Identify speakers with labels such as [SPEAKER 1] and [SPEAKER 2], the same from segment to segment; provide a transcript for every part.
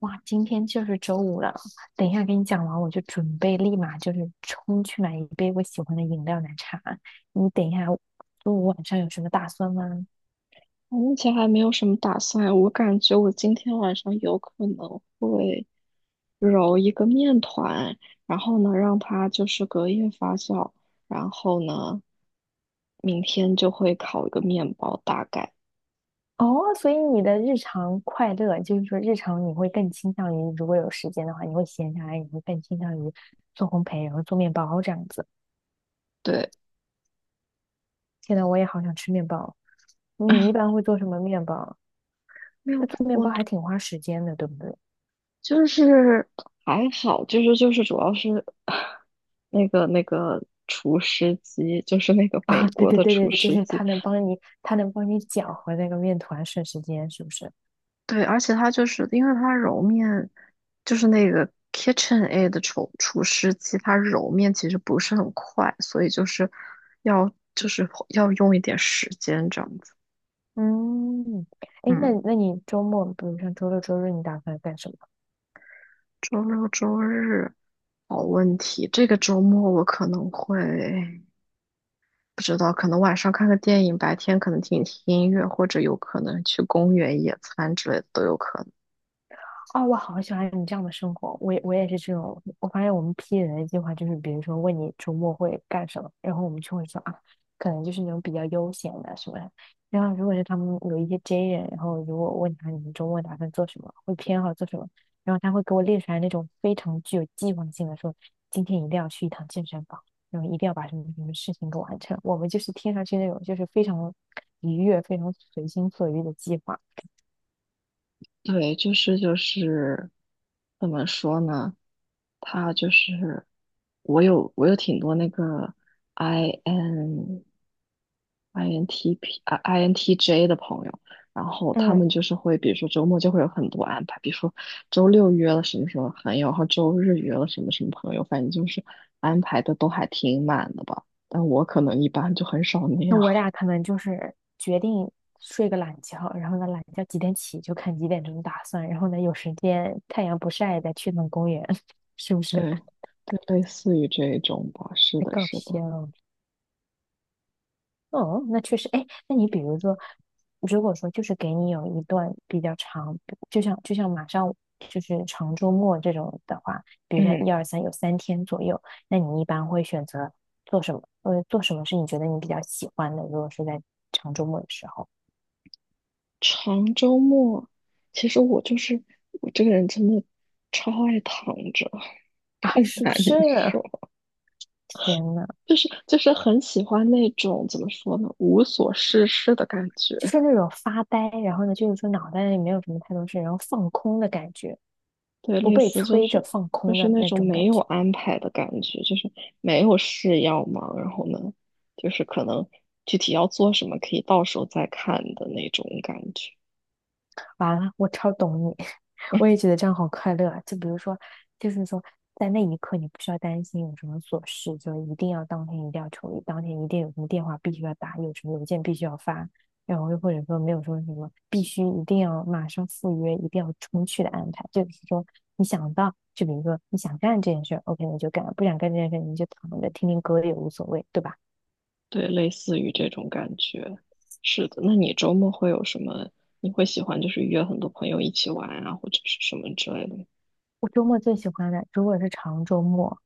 [SPEAKER 1] 哇，今天就是周五了，等一下给你讲完，我就准备立马就是冲去买一杯我喜欢的饮料奶茶。你等一下，周五晚上有什么打算吗？
[SPEAKER 2] 我目前还没有什么打算，我感觉我今天晚上有可能会揉一个面团，然后呢让它就是隔夜发酵，然后呢明天就会烤一个面包，大概
[SPEAKER 1] 哦，所以你的日常快乐，就是说日常你会更倾向于，如果有时间的话，你会闲下来，你会更倾向于做烘焙，然后做面包这样子。
[SPEAKER 2] 对。
[SPEAKER 1] 现在我也好想吃面包，你一 般会做什么面包？
[SPEAKER 2] 没有，
[SPEAKER 1] 那做面
[SPEAKER 2] 我
[SPEAKER 1] 包还挺花时间的，对不对？
[SPEAKER 2] 就是还好，就是主要是 那个厨师机，就是那个美
[SPEAKER 1] 啊，对
[SPEAKER 2] 国
[SPEAKER 1] 对
[SPEAKER 2] 的
[SPEAKER 1] 对
[SPEAKER 2] 厨
[SPEAKER 1] 对，就
[SPEAKER 2] 师
[SPEAKER 1] 是
[SPEAKER 2] 机，
[SPEAKER 1] 它能帮你，它能帮你搅和那个面团，省时间，是不是？
[SPEAKER 2] 对，而且它就是因为它揉面，就是那个 KitchenAid 的厨师机，它揉面其实不是很快，所以就是要用一点时间这样子。
[SPEAKER 1] 嗯，哎，那
[SPEAKER 2] 嗯，
[SPEAKER 1] 那你周末，比如像周六周日，你打算干什么？
[SPEAKER 2] 周六周日，好问题。这个周末我可能会不知道，可能晚上看个电影，白天可能听听音乐，或者有可能去公园野餐之类的都有可能。
[SPEAKER 1] 哦，我好喜欢你这样的生活。我也是这种，我发现我们 P 人的计划就是，比如说问你周末会干什么，然后我们就会说啊，可能就是那种比较悠闲的什么的。然后如果是他们有一些 J 人，然后如果问他你们周末打算做什么，会偏好做什么，然后他会给我列出来那种非常具有计划性的说，今天一定要去一趟健身房，然后一定要把什么什么事情给完成。我们就是听上去那种就是非常愉悦、非常随心所欲的计划。
[SPEAKER 2] 对，就是怎么说呢？他就是我有挺多那个 I N INTP 啊 INTJ 的朋友，然后他
[SPEAKER 1] 嗯，
[SPEAKER 2] 们就是会，比如说周末就会有很多安排，比如说周六约了什么什么朋友，然后周日约了什么什么朋友，反正就是安排的都还挺满的吧。但我可能一般就很少那
[SPEAKER 1] 那
[SPEAKER 2] 样，
[SPEAKER 1] 我俩可能就是决定睡个懒觉，然后呢，懒觉几点起就看几点钟打算，然后呢，有时间太阳不晒再去趟公园，是不 是？
[SPEAKER 2] 对 对，类似于这一种吧，是
[SPEAKER 1] 太
[SPEAKER 2] 的，
[SPEAKER 1] 搞
[SPEAKER 2] 是
[SPEAKER 1] 笑
[SPEAKER 2] 的，
[SPEAKER 1] 了。哦，那确实，哎，那你比如说，如果说就是给你有一段比较长，就像马上就是长周末这种的话，比如像
[SPEAKER 2] 嗯。
[SPEAKER 1] 一二三有三天左右，那你一般会选择做什么？做什么是你觉得你比较喜欢的？如果是在长周末的时候
[SPEAKER 2] 长周末，其实我就是我这个人真的超爱躺着，
[SPEAKER 1] 啊，
[SPEAKER 2] 不
[SPEAKER 1] 是不
[SPEAKER 2] 难
[SPEAKER 1] 是？
[SPEAKER 2] 受，说，
[SPEAKER 1] 天呐，
[SPEAKER 2] 就是很喜欢那种怎么说呢，无所事事的感觉。
[SPEAKER 1] 就是那种发呆，然后呢，就是说脑袋里没有什么太多事，然后放空的感觉，
[SPEAKER 2] 对，
[SPEAKER 1] 不
[SPEAKER 2] 类
[SPEAKER 1] 被
[SPEAKER 2] 似就
[SPEAKER 1] 催着
[SPEAKER 2] 是
[SPEAKER 1] 放
[SPEAKER 2] 就
[SPEAKER 1] 空
[SPEAKER 2] 是
[SPEAKER 1] 的
[SPEAKER 2] 那
[SPEAKER 1] 那
[SPEAKER 2] 种
[SPEAKER 1] 种感
[SPEAKER 2] 没有
[SPEAKER 1] 觉。
[SPEAKER 2] 安排的感觉，就是没有事要忙，然后呢，就是可能具体要做什么可以到时候再看的那种感觉。
[SPEAKER 1] 完了，我超懂你，我也觉得这样好快乐啊。就比如说，就是说，在那一刻你不需要担心有什么琐事，就一定要当天一定要处理，当天一定有什么电话必须要打，有什么邮件必须要发，然后又或者说没有说什么必须一定要马上赴约，一定要冲去的安排，就是说你想到，就比如说你想干这件事 o k 你就干；不想干这件事儿你就躺着听听歌也无所谓，对吧？
[SPEAKER 2] 对，类似于这种感觉。是的，那你周末会有什么？你会喜欢就是约很多朋友一起玩啊，或者是什么之类的吗？
[SPEAKER 1] 我周末最喜欢的，如果是长周末，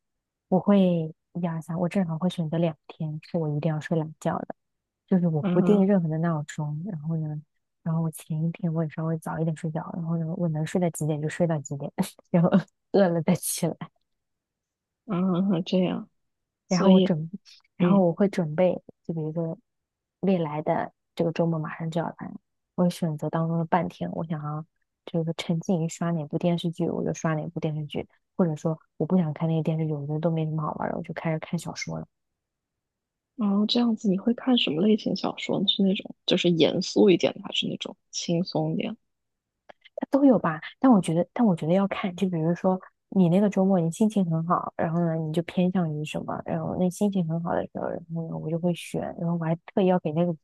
[SPEAKER 1] 我会一二三，我正好会选择两天是我一定要睡懒觉的，就是我不定
[SPEAKER 2] 啊
[SPEAKER 1] 任何的闹钟，然后呢，然后我前一天我也稍微早一点睡觉，然后呢，我能睡到几点就睡到几点，然后饿了再起来。
[SPEAKER 2] 啊，这样，
[SPEAKER 1] 然
[SPEAKER 2] 所
[SPEAKER 1] 后我
[SPEAKER 2] 以
[SPEAKER 1] 准，然后
[SPEAKER 2] 嗯，
[SPEAKER 1] 我会准备，就比如说未来的这个周末马上就要来，我会选择当中的半天，我想要就是沉浸于刷哪部电视剧，我就刷哪部电视剧，或者说我不想看那个电视剧，我觉得都没什么好玩儿的，我就开始看小说了。
[SPEAKER 2] 然后这样子，你会看什么类型小说呢？是那种就是严肃一点的，还是那种轻松一点？
[SPEAKER 1] 都有吧，但我觉得，但我觉得要看，就比如说你那个周末你心情很好，然后呢你就偏向于什么，然后那心情很好的时候，然后呢我就会选，然后我还特意要给那个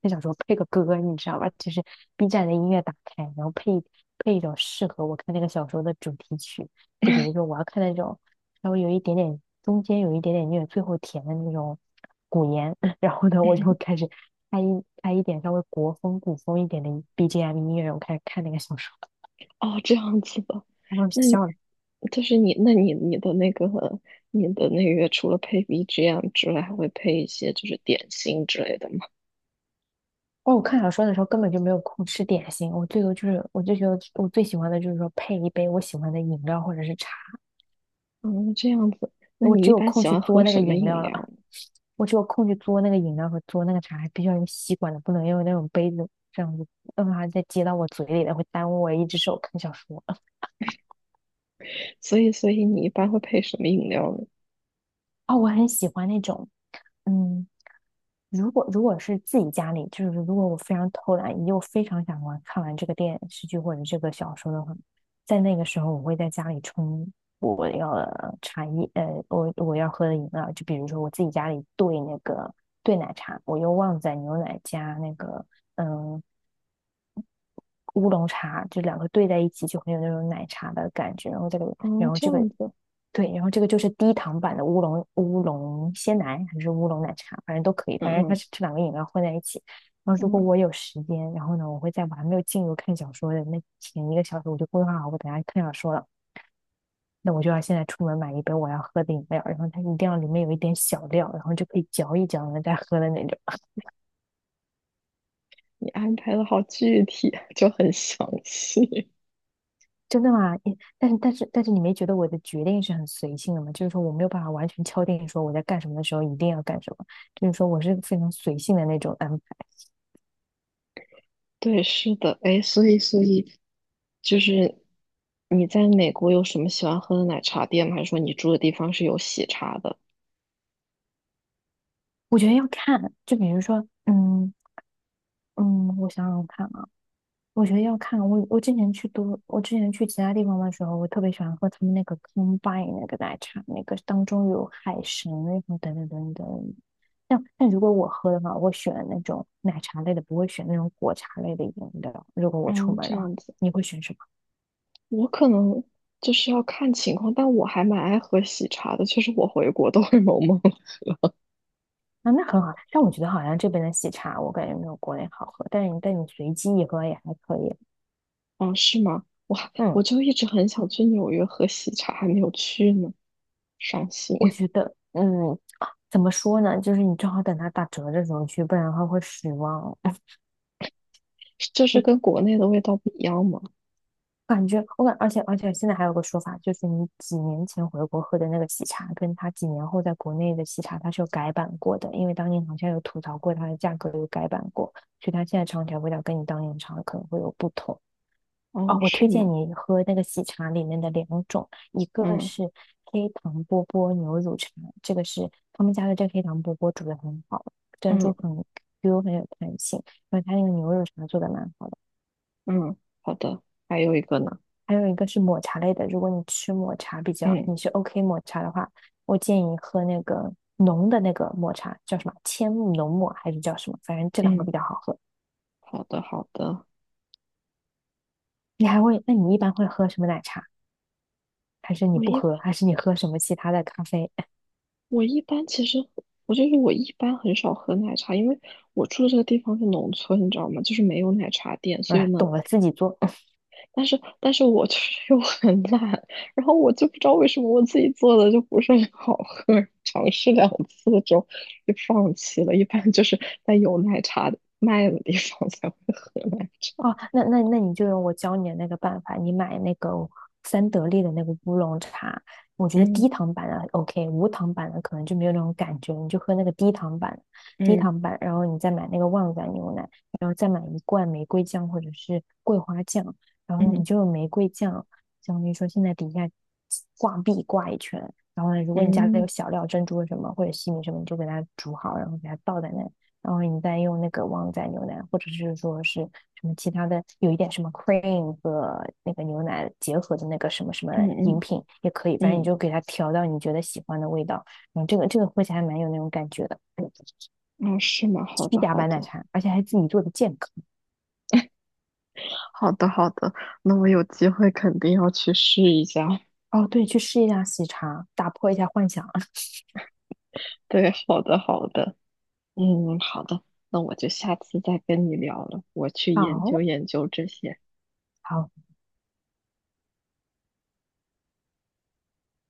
[SPEAKER 1] 那小说配个歌，你知道吧？就是 B 站的音乐打开，然后配一种适合我看那个小说的主题曲，就比如说我要看那种稍微有一点点中间有一点点虐，最后甜的那种古言，然后呢我就开 始。开一点稍微国风古风一点的 BGM 音乐，我开始看那个小说。
[SPEAKER 2] 哦，这样子的，
[SPEAKER 1] 然后
[SPEAKER 2] 那
[SPEAKER 1] 笑
[SPEAKER 2] 你
[SPEAKER 1] 了。
[SPEAKER 2] 就是你，那你你的那个，除了配 BGM 之外，还会配一些就是点心之类的吗？
[SPEAKER 1] 哦，我看小说的时候根本就没有空吃点心，我最多就是我就觉得我最喜欢的就是说配一杯我喜欢的饮料或者是茶，
[SPEAKER 2] 嗯，这样子，那
[SPEAKER 1] 我
[SPEAKER 2] 你
[SPEAKER 1] 只
[SPEAKER 2] 一
[SPEAKER 1] 有
[SPEAKER 2] 般
[SPEAKER 1] 空
[SPEAKER 2] 喜
[SPEAKER 1] 去
[SPEAKER 2] 欢
[SPEAKER 1] 嘬
[SPEAKER 2] 喝
[SPEAKER 1] 那
[SPEAKER 2] 什
[SPEAKER 1] 个
[SPEAKER 2] 么
[SPEAKER 1] 饮
[SPEAKER 2] 饮
[SPEAKER 1] 料了，
[SPEAKER 2] 料呢？
[SPEAKER 1] 我只有空去嘬那个饮料和嘬那个茶，还必须要用吸管的，不能用那种杯子这样子，要不然它再接到我嘴里的会耽误我一只手看小说。
[SPEAKER 2] 所以，所以你一般会配什么饮料呢？
[SPEAKER 1] 哦，我很喜欢那种嗯如果是自己家里，就是如果我非常偷懒，又非常想玩，看完这个电视剧或者这个小说的话，在那个时候，我会在家里冲我要的茶叶，我要喝的饮料，就比如说我自己家里兑那个兑奶茶，我用旺仔牛奶加那个嗯、乌龙茶，就两个兑在一起，就很有那种奶茶的感觉。然后这个，然
[SPEAKER 2] 哦，
[SPEAKER 1] 后
[SPEAKER 2] 这
[SPEAKER 1] 这个，
[SPEAKER 2] 样子，
[SPEAKER 1] 对，然后这个就是低糖版的乌龙鲜奶还是乌龙奶茶，反正都可以，
[SPEAKER 2] 嗯
[SPEAKER 1] 反正它
[SPEAKER 2] 嗯
[SPEAKER 1] 是这两个饮料混在一起。然后如果
[SPEAKER 2] 嗯，
[SPEAKER 1] 我有时间，然后呢，我会在我还没有进入看小说的那前一个小时，我就规划好我等下看小说了。那我就要现在出门买一杯我要喝的饮料，然后它一定要里面有一点小料，然后就可以嚼一嚼呢再喝的那种。
[SPEAKER 2] 你安排的好具体，就很详细。
[SPEAKER 1] 真的吗？你，但是你没觉得我的决定是很随性的吗？就是说我没有办法完全敲定说我在干什么的时候一定要干什么，就是说我是非常随性的那种安排。
[SPEAKER 2] 对，是的，哎，所以，所以就是你在美国有什么喜欢喝的奶茶店吗？还是说你住的地方是有喜茶的？
[SPEAKER 1] 我觉得要看，就比如说，嗯，我想想看啊。我觉得要看我，我之前去都，我之前去其他地方的时候，我特别喜欢喝他们那个 Combine 那个奶茶，那个当中有海参，那种等等等等。但如果我喝的话，我选那种奶茶类的，不会选那种果茶类的饮料。如果我出
[SPEAKER 2] 嗯，
[SPEAKER 1] 门
[SPEAKER 2] 这
[SPEAKER 1] 的话，
[SPEAKER 2] 样子，
[SPEAKER 1] 你会选什么？
[SPEAKER 2] 我可能就是要看情况，但我还蛮爱喝喜茶的，就实我回国都会 萌萌
[SPEAKER 1] 啊，那很好。但我觉得好像这边的喜茶，我感觉没有国内好喝。但你随机一喝也还可以。
[SPEAKER 2] 哦，是吗？我还我
[SPEAKER 1] 嗯，
[SPEAKER 2] 就一直很想去纽约喝喜茶，还没有去呢，伤心。
[SPEAKER 1] 我觉得，嗯，啊怎么说呢？就是你正好等它打折的时候去，不然的话会失望。
[SPEAKER 2] 这是跟国内的味道不一样吗？
[SPEAKER 1] 感觉我感，而且现在还有个说法，就是你几年前回国喝的那个喜茶，跟他几年后在国内的喜茶，它是有改版过的，因为当年好像有吐槽过它的价格有改版过，所以它现在尝起来味道跟你当年尝的可能会有不同。
[SPEAKER 2] 哦，
[SPEAKER 1] 哦，我推
[SPEAKER 2] 是
[SPEAKER 1] 荐
[SPEAKER 2] 吗？
[SPEAKER 1] 你喝那个喜茶里面的两种，一个
[SPEAKER 2] 嗯
[SPEAKER 1] 是黑糖波波牛乳茶，这个是他们家的这个黑糖波波煮的很好，珍
[SPEAKER 2] 嗯
[SPEAKER 1] 珠很 Q 很有弹性，然后它那个牛乳茶做的蛮好的。
[SPEAKER 2] 嗯，好的。还有一个呢？
[SPEAKER 1] 还有一个是抹茶类的，如果你吃抹茶比较，
[SPEAKER 2] 嗯
[SPEAKER 1] 你是 OK 抹茶的话，我建议喝那个浓的那个抹茶，叫什么千木浓抹还是叫什么？反正这两个
[SPEAKER 2] 嗯，
[SPEAKER 1] 比较好喝。
[SPEAKER 2] 好的好的。
[SPEAKER 1] 你还会，那你一般会喝什么奶茶？还是你
[SPEAKER 2] 我
[SPEAKER 1] 不
[SPEAKER 2] 一般
[SPEAKER 1] 喝？还是你喝什么其他的咖啡？
[SPEAKER 2] 我一般其实我就是我一般很少喝奶茶，因为我住这个地方是农村，你知道吗？就是没有奶茶店，
[SPEAKER 1] 不
[SPEAKER 2] 所以
[SPEAKER 1] 是，
[SPEAKER 2] 呢，
[SPEAKER 1] 懂了自己做。
[SPEAKER 2] 但是但是我就是 又很懒，然后我就不知道为什么我自己做的就不是很好喝，尝试两次之后就放弃了。一般就是在有奶茶的卖的地方才会喝奶茶。
[SPEAKER 1] 哦，那你就用我教你的那个办法，你买那个三得利的那个乌龙茶，我觉得
[SPEAKER 2] 嗯
[SPEAKER 1] 低糖版的 OK，无糖版的可能就没有那种感觉，你就喝那个低糖版，低
[SPEAKER 2] 嗯
[SPEAKER 1] 糖版，然后你再买那个旺仔牛奶，然后再买一罐玫瑰酱或者是桂花酱，然后呢
[SPEAKER 2] 嗯
[SPEAKER 1] 你就用玫瑰酱，相当于说现在底下挂壁挂一圈，然后呢，如果你家里有
[SPEAKER 2] 嗯
[SPEAKER 1] 小料珍珠什么或者西米什么，你就给它煮好，然后给它倒在那然后你再用那个旺仔牛奶，或者是说是什么其他的，有一点什么 cream 和那个牛奶结合的那个什么什么
[SPEAKER 2] 嗯
[SPEAKER 1] 饮
[SPEAKER 2] 嗯
[SPEAKER 1] 品也可以，反正你
[SPEAKER 2] 嗯，
[SPEAKER 1] 就给它调到你觉得喜欢的味道。嗯，这个喝起来还蛮有那种感觉的，嗯
[SPEAKER 2] 哦，是吗？好
[SPEAKER 1] 虚
[SPEAKER 2] 的
[SPEAKER 1] 假
[SPEAKER 2] 好
[SPEAKER 1] 版奶
[SPEAKER 2] 的，
[SPEAKER 1] 茶，而且还自己做的健康。
[SPEAKER 2] 好的好的，那我有机会肯定要去试一下。
[SPEAKER 1] 哦，对，去试一下喜茶，打破一下幻想。
[SPEAKER 2] 对，好的好的，嗯，好的，那我就下次再跟你聊了，我去 研究
[SPEAKER 1] 好，
[SPEAKER 2] 研究这些。
[SPEAKER 1] 好。